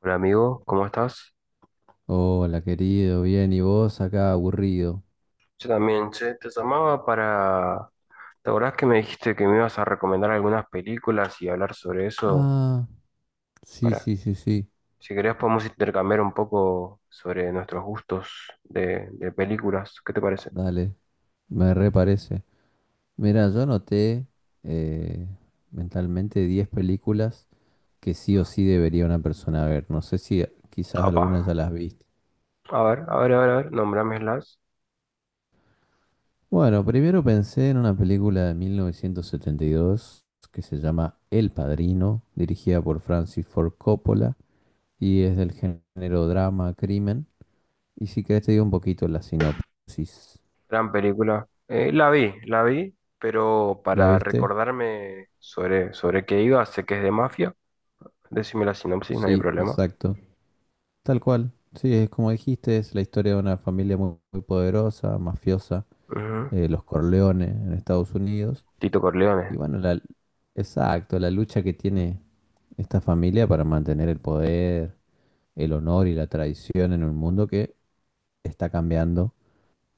Hola amigo, ¿cómo estás? Hola, querido, bien, ¿y vos acá aburrido? Yo también, che, te llamaba para... ¿Te acordás que me dijiste que me ibas a recomendar algunas películas y hablar sobre eso? Ah, sí, Para, sí, sí, sí, si querés podemos intercambiar un poco sobre nuestros gustos de películas. ¿Qué te parece? dale, me reparece. Mira, yo anoté eh, mentalmente 10 películas que sí o sí debería una persona ver. No sé si quizás Apa. algunas ya las viste. A ver, a ver, a ver, a ver, nómbramelas. Bueno, primero pensé en una película de 1972 que se llama El Padrino, dirigida por Francis Ford Coppola y es del género drama, crimen. Y si querés te digo un poquito la sinopsis. Gran película. La vi, pero ¿La para viste? recordarme sobre qué iba, sé que es de mafia. Decime la sinopsis, no hay Sí, problema. exacto. Tal cual. Sí, es como dijiste, es la historia de una familia muy, muy poderosa, mafiosa, Ujú. Los Corleones en Estados Unidos. Tito Y Corleone. bueno, exacto, la lucha que tiene esta familia para mantener el poder, el honor y la tradición en un mundo que está cambiando.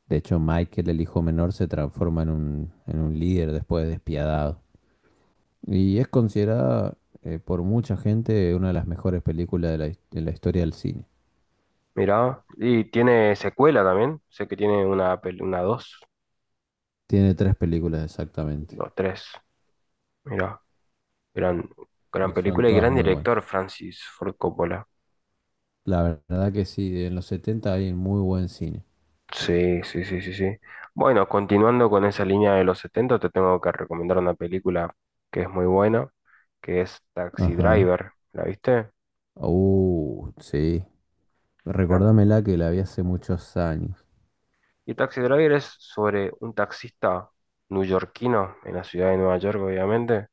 De hecho, Michael, el hijo menor, se transforma en un líder después despiadado. Y es considerada por mucha gente una de las mejores películas de de la historia del cine. Mirá, y tiene secuela también. Sé que tiene una, pel- una dos, Tiene tres películas exactamente. dos, tres. Mirá, gran, gran Y son película y todas gran muy buenas. director, Francis Ford Coppola. La verdad que sí, en los 70 hay muy buen cine. Sí, sí, sí, sí, sí. Bueno, continuando con esa línea de los 70, te tengo que recomendar una película que es muy buena, que es Taxi Ajá. Driver. ¿La viste? Sí. La- Recordámela que la vi hace muchos años. Y Taxi Driver es sobre un taxista neoyorquino en la ciudad de Nueva York, obviamente,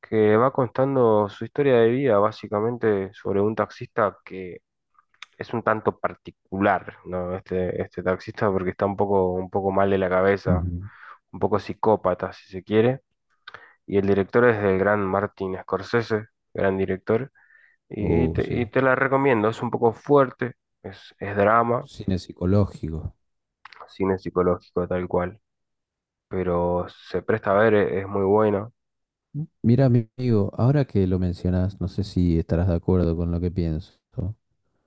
que va contando su historia de vida, básicamente sobre un taxista que es un tanto particular, ¿no? Este taxista porque está un poco mal de la cabeza, Ujú. un poco psicópata, si se quiere. Y el director es del gran Martin Scorsese, gran director. Y, y te, y Sí. te la recomiendo, es un poco fuerte, es drama, Cine psicológico. cine psicológico tal cual, pero se presta a ver, es muy buena. Mira, mi amigo, ahora que lo mencionas, no sé si estarás de acuerdo con lo que pienso.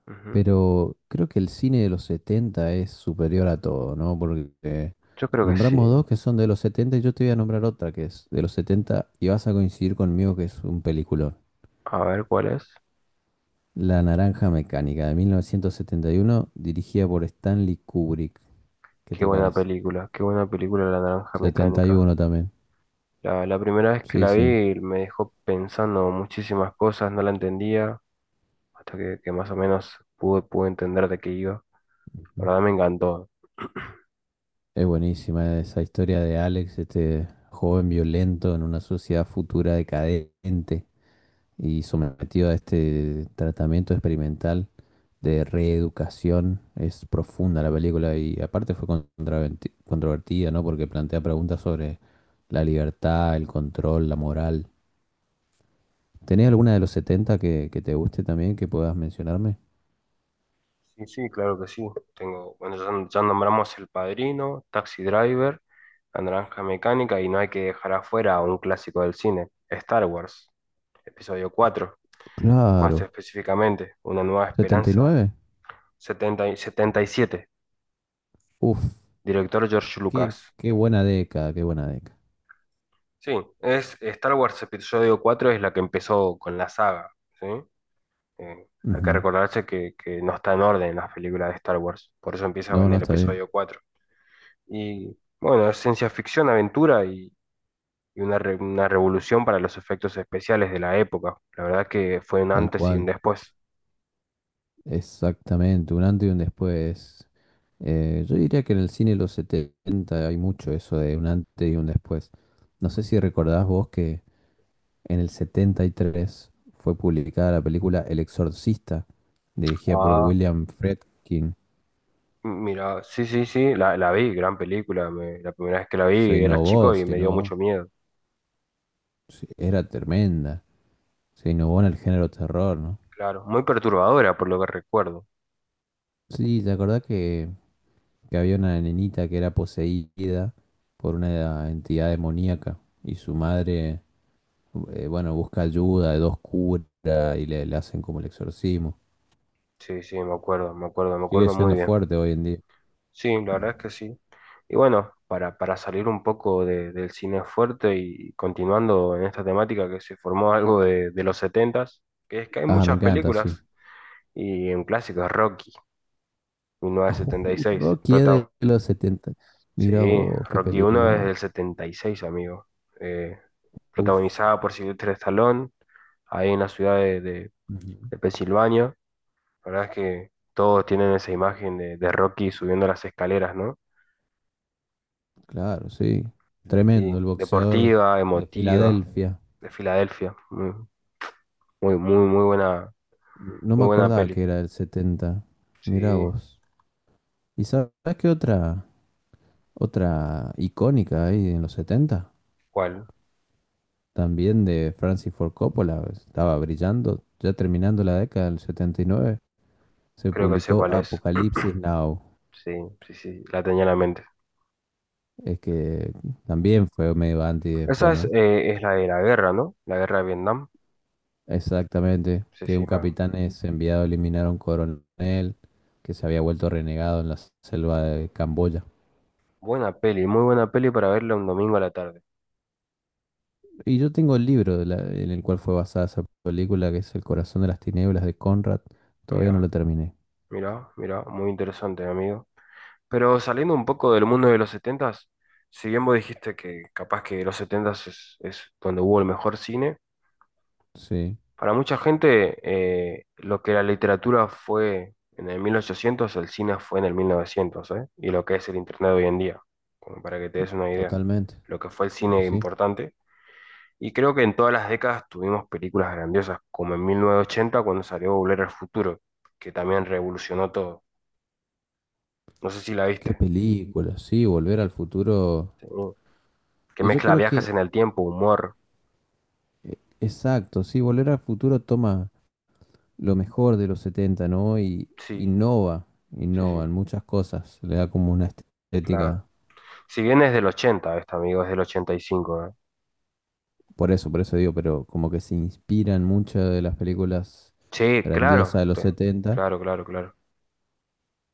Ujú. Pero creo que el cine de los 70 es superior a todo, ¿no? Porque Yo creo que sí. nombramos dos que son de los setenta y yo te voy a nombrar otra que es de los 70 y vas a coincidir conmigo que es un peliculón. A ver cuál es. La Naranja Mecánica de 1971, dirigida por Stanley Kubrick. ¿Qué te parece? Qué buena película La Naranja Setenta y Mecánica. uno también. La primera vez que Sí, la sí. vi me dejó pensando muchísimas cosas, no la entendía, hasta que más o menos pude entender de qué iba. La Ujú. verdad me encantó. Es buenísima esa historia de Alex, este joven violento en una sociedad futura decadente y sometido a este tratamiento experimental de reeducación. Es profunda la película y aparte fue controvertida, ¿no? Porque plantea preguntas sobre la libertad, el control, la moral. ¿Tenés alguna de los 70 que te guste también que puedas mencionarme? Sí, sí, claro que sí. Tengo, bueno, ya nombramos El Padrino, Taxi Driver, La Naranja Mecánica, y no hay que dejar afuera a un clásico del cine, Star Wars, episodio 4 más Claro. específicamente, Una Nueva Setenta y Esperanza, nueve. Setenta y siete, Uf, director George Lucas. qué buena década, qué buena década. Sí, es Star Wars Episodio cuatro, es la que empezó con la saga, ¿sí? Hay que Ujú. recordarse que no está en orden las películas de Star Wars, por eso empieza No, en no, el está bien. episodio 4. Y bueno, es ciencia ficción, aventura, y una revolución para los efectos especiales de la época. La verdad que fue un Tal antes y un cual. después. Exactamente, un antes y un después. Yo diría que en el cine de los 70 hay mucho eso de un antes y un después. No sé si recordás vos que en el 73 fue publicada la película El Exorcista, dirigida por Ah, William Friedkin. mira, sí, sí, sí, la vi, gran película. La primera vez que la vi Se era chico innovó, y se me dio mucho innovó. miedo. Sí, era tremenda. Se innovó en el género terror, ¿no? Claro, muy perturbadora por lo que recuerdo. Sí, ¿te acordás que había una nenita que era poseída por una entidad demoníaca y su madre bueno, busca ayuda de dos curas y le hacen como el exorcismo. Sí, sí, me Sigue acuerdo muy siendo bien. fuerte hoy en día. Sí, la verdad es que sí. Y bueno, para salir un poco del cine fuerte, y continuando en esta temática que se formó algo de los setentas, que es que hay Ah, me muchas encanta, sí. películas, y un clásico es Rocky, mil novecientos setenta y Oh, seis, Rocky es prota- de los 70. Mira Sí, vos, qué Rocky 1 es película. del 76, amigo. Eh, Uf. Protagonizada por Sylvester Stallone, ahí en la ciudad Ujú. de Pensilvania. La verdad es que todos tienen esa imagen de Rocky subiendo las escaleras, ¿no? Claro, sí. Y Tremendo, el boxeador deportiva, de emotiva, Filadelfia. de Filadelfia. Muy, muy, muy buena, No me muy buena acordaba que peli. era del 70. Sí, Mira vos. ¿Y sabes qué otra icónica ahí en los 70? ¿cuál? También de Francis Ford Coppola, pues, estaba brillando, ya terminando la década del 79, se Creo que sé publicó cuál es. Apocalipsis Now, Sí, sí, sí, la tenía en la mente. es que también fue medio anti después, Esa ¿no? Es la de la guerra, ¿no? La guerra de Vietnam. Exactamente, Sí, que sí, un ma. capitán es enviado a eliminar a un coronel que se había vuelto renegado en la selva de Camboya. Buena peli, muy buena peli para verla un domingo a la tarde. Y yo tengo el libro en el cual fue basada esa película, que es El corazón de las tinieblas de Conrad, todavía no lo Mira, terminé. Mira, muy interesante, amigo. Pero saliendo un poco del mundo de los setentas, si bien vos dijiste que capaz que los setentas es donde hubo el mejor cine, Sí, para mucha gente, lo que la literatura fue en el 1800, el cine fue en el 1900, ¿eh? Y lo que es el Internet hoy en día, como para que te des una idea, totalmente. lo que fue el Y cine sí. importante. Y creo que en todas las décadas tuvimos películas grandiosas, como en 1980 cuando salió Volver al Futuro, que también revolucionó todo. No sé si la Qué viste. película, sí, Volver al Futuro. Sí. Que eh, Yo mezcla creo viajes que, en el tiempo, humor. Exacto, sí, Volver al Futuro toma lo mejor de los setenta, ¿no? Y Sí, innova, sí, sí, innova en muchas cosas. Le da como una claro. estética, Si bien es del 80, esta, amigo, es del 85. Por eso digo, pero como que se inspiran mucho de las películas Sí, grandiosas claro, de los 70 claro, claro, claro.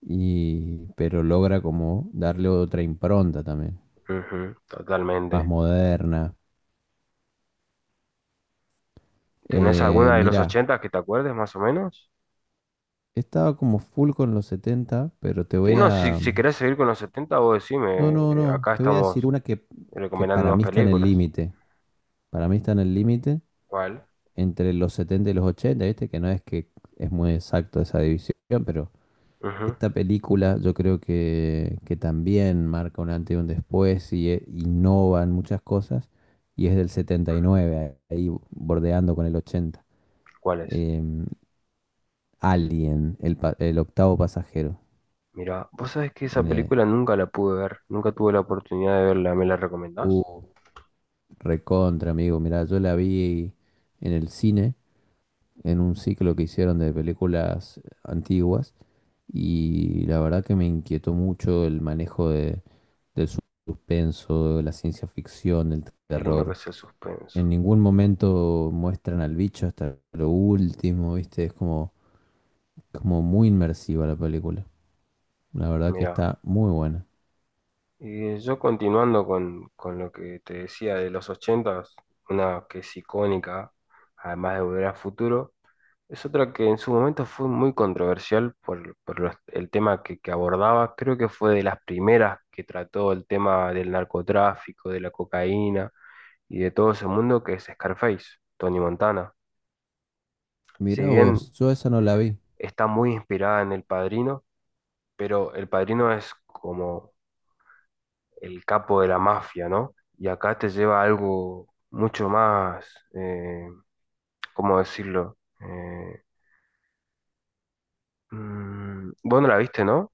y, pero logra como darle otra impronta también, Ujú, más totalmente. moderna. ¿Tenés Eh, alguna de los mira, 80 que te acuerdes más o menos? Estaba como full con los 70 pero te Sí, voy no, si, a... si querés seguir con los 70, vos No, decime, no, no. acá Te voy a decir estamos una que recomendando para unas mí está en el películas. límite. Para mí está en el límite ¿Cuál? entre los 70 y los 80, ¿viste? Que no es que es muy exacto esa división, pero Ujú, esta película yo creo que también marca un antes y un después y innova en muchas cosas. Y es del 79 ahí bordeando con el 80. ¿cuál es? Em, Alien, el octavo pasajero. Mira, vos sabés que esa En, eh, película nunca la pude ver, nunca tuve la oportunidad de verla, ¿me la recomendás? uh, Recontra, amigo. Mirá, yo la vi en el cine, en un ciclo que hicieron de películas antiguas y la verdad que me inquietó mucho el manejo del suspenso, de la ciencia ficción, del Qué lindo que terror. es el suspenso. En ningún momento muestran al bicho hasta lo último, ¿viste? Es como, como muy inmersiva la película. La verdad que Mira, está muy buena. y yo continuando con lo que te decía de los 80, una que es icónica, además de Volver al Futuro. Es otra que en su momento fue muy controversial por el tema que abordaba. Creo que fue de las primeras que trató el tema del narcotráfico, de la cocaína y de todo ese mundo que es Scarface, Tony Montana. Si Mirá bien vos, yo esa no la vi. está muy inspirada en El Padrino, pero El Padrino es como el capo de la mafia, ¿no? Y acá te lleva a algo mucho más, eh, ¿cómo decirlo? Vos no la viste, ¿no?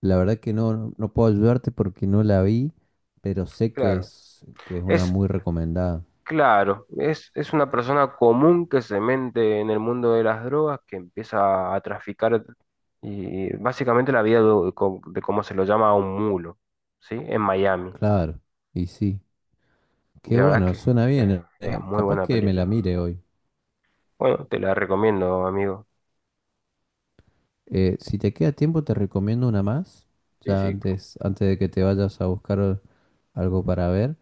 La verdad que no, no puedo ayudarte porque no la vi, pero sé que Claro. Que es una Es muy recomendada. Claro, es una persona común que se mete en el mundo de las drogas, que empieza a traficar, y básicamente la vida de, de cómo se lo llama a un mulo, ¿sí? En Miami. Claro, y sí. Y Qué la verdad es bueno, que suena eh, bien. Eh, muy capaz buena que me la película. mire hoy. Bueno, te la recomiendo, amigo. Si te queda tiempo, te recomiendo una más. Sí, Ya sí, antes, antes de que te vayas a buscar algo para ver.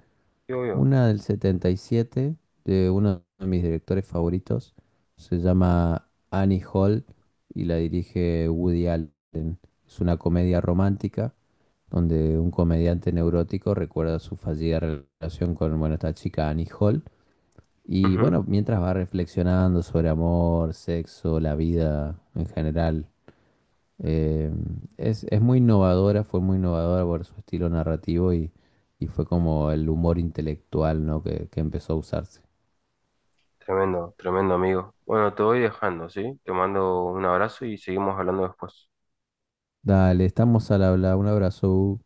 sí, obvio. Una del 77, de uno de mis directores favoritos. Se llama Annie Hall y la dirige Woody Allen. Es una comedia romántica donde un comediante neurótico recuerda su fallida relación con, bueno, esta chica Annie Hall. Y Ujú, bueno, mientras va reflexionando sobre amor, sexo, la vida en general, eh, es muy innovadora, fue muy innovadora por su estilo narrativo y fue como el humor intelectual, ¿no? Que empezó a usarse. tremendo, tremendo, amigo. Bueno, te voy dejando, ¿sí? Te mando un abrazo y seguimos hablando después. Dale, estamos al habla, un abrazo.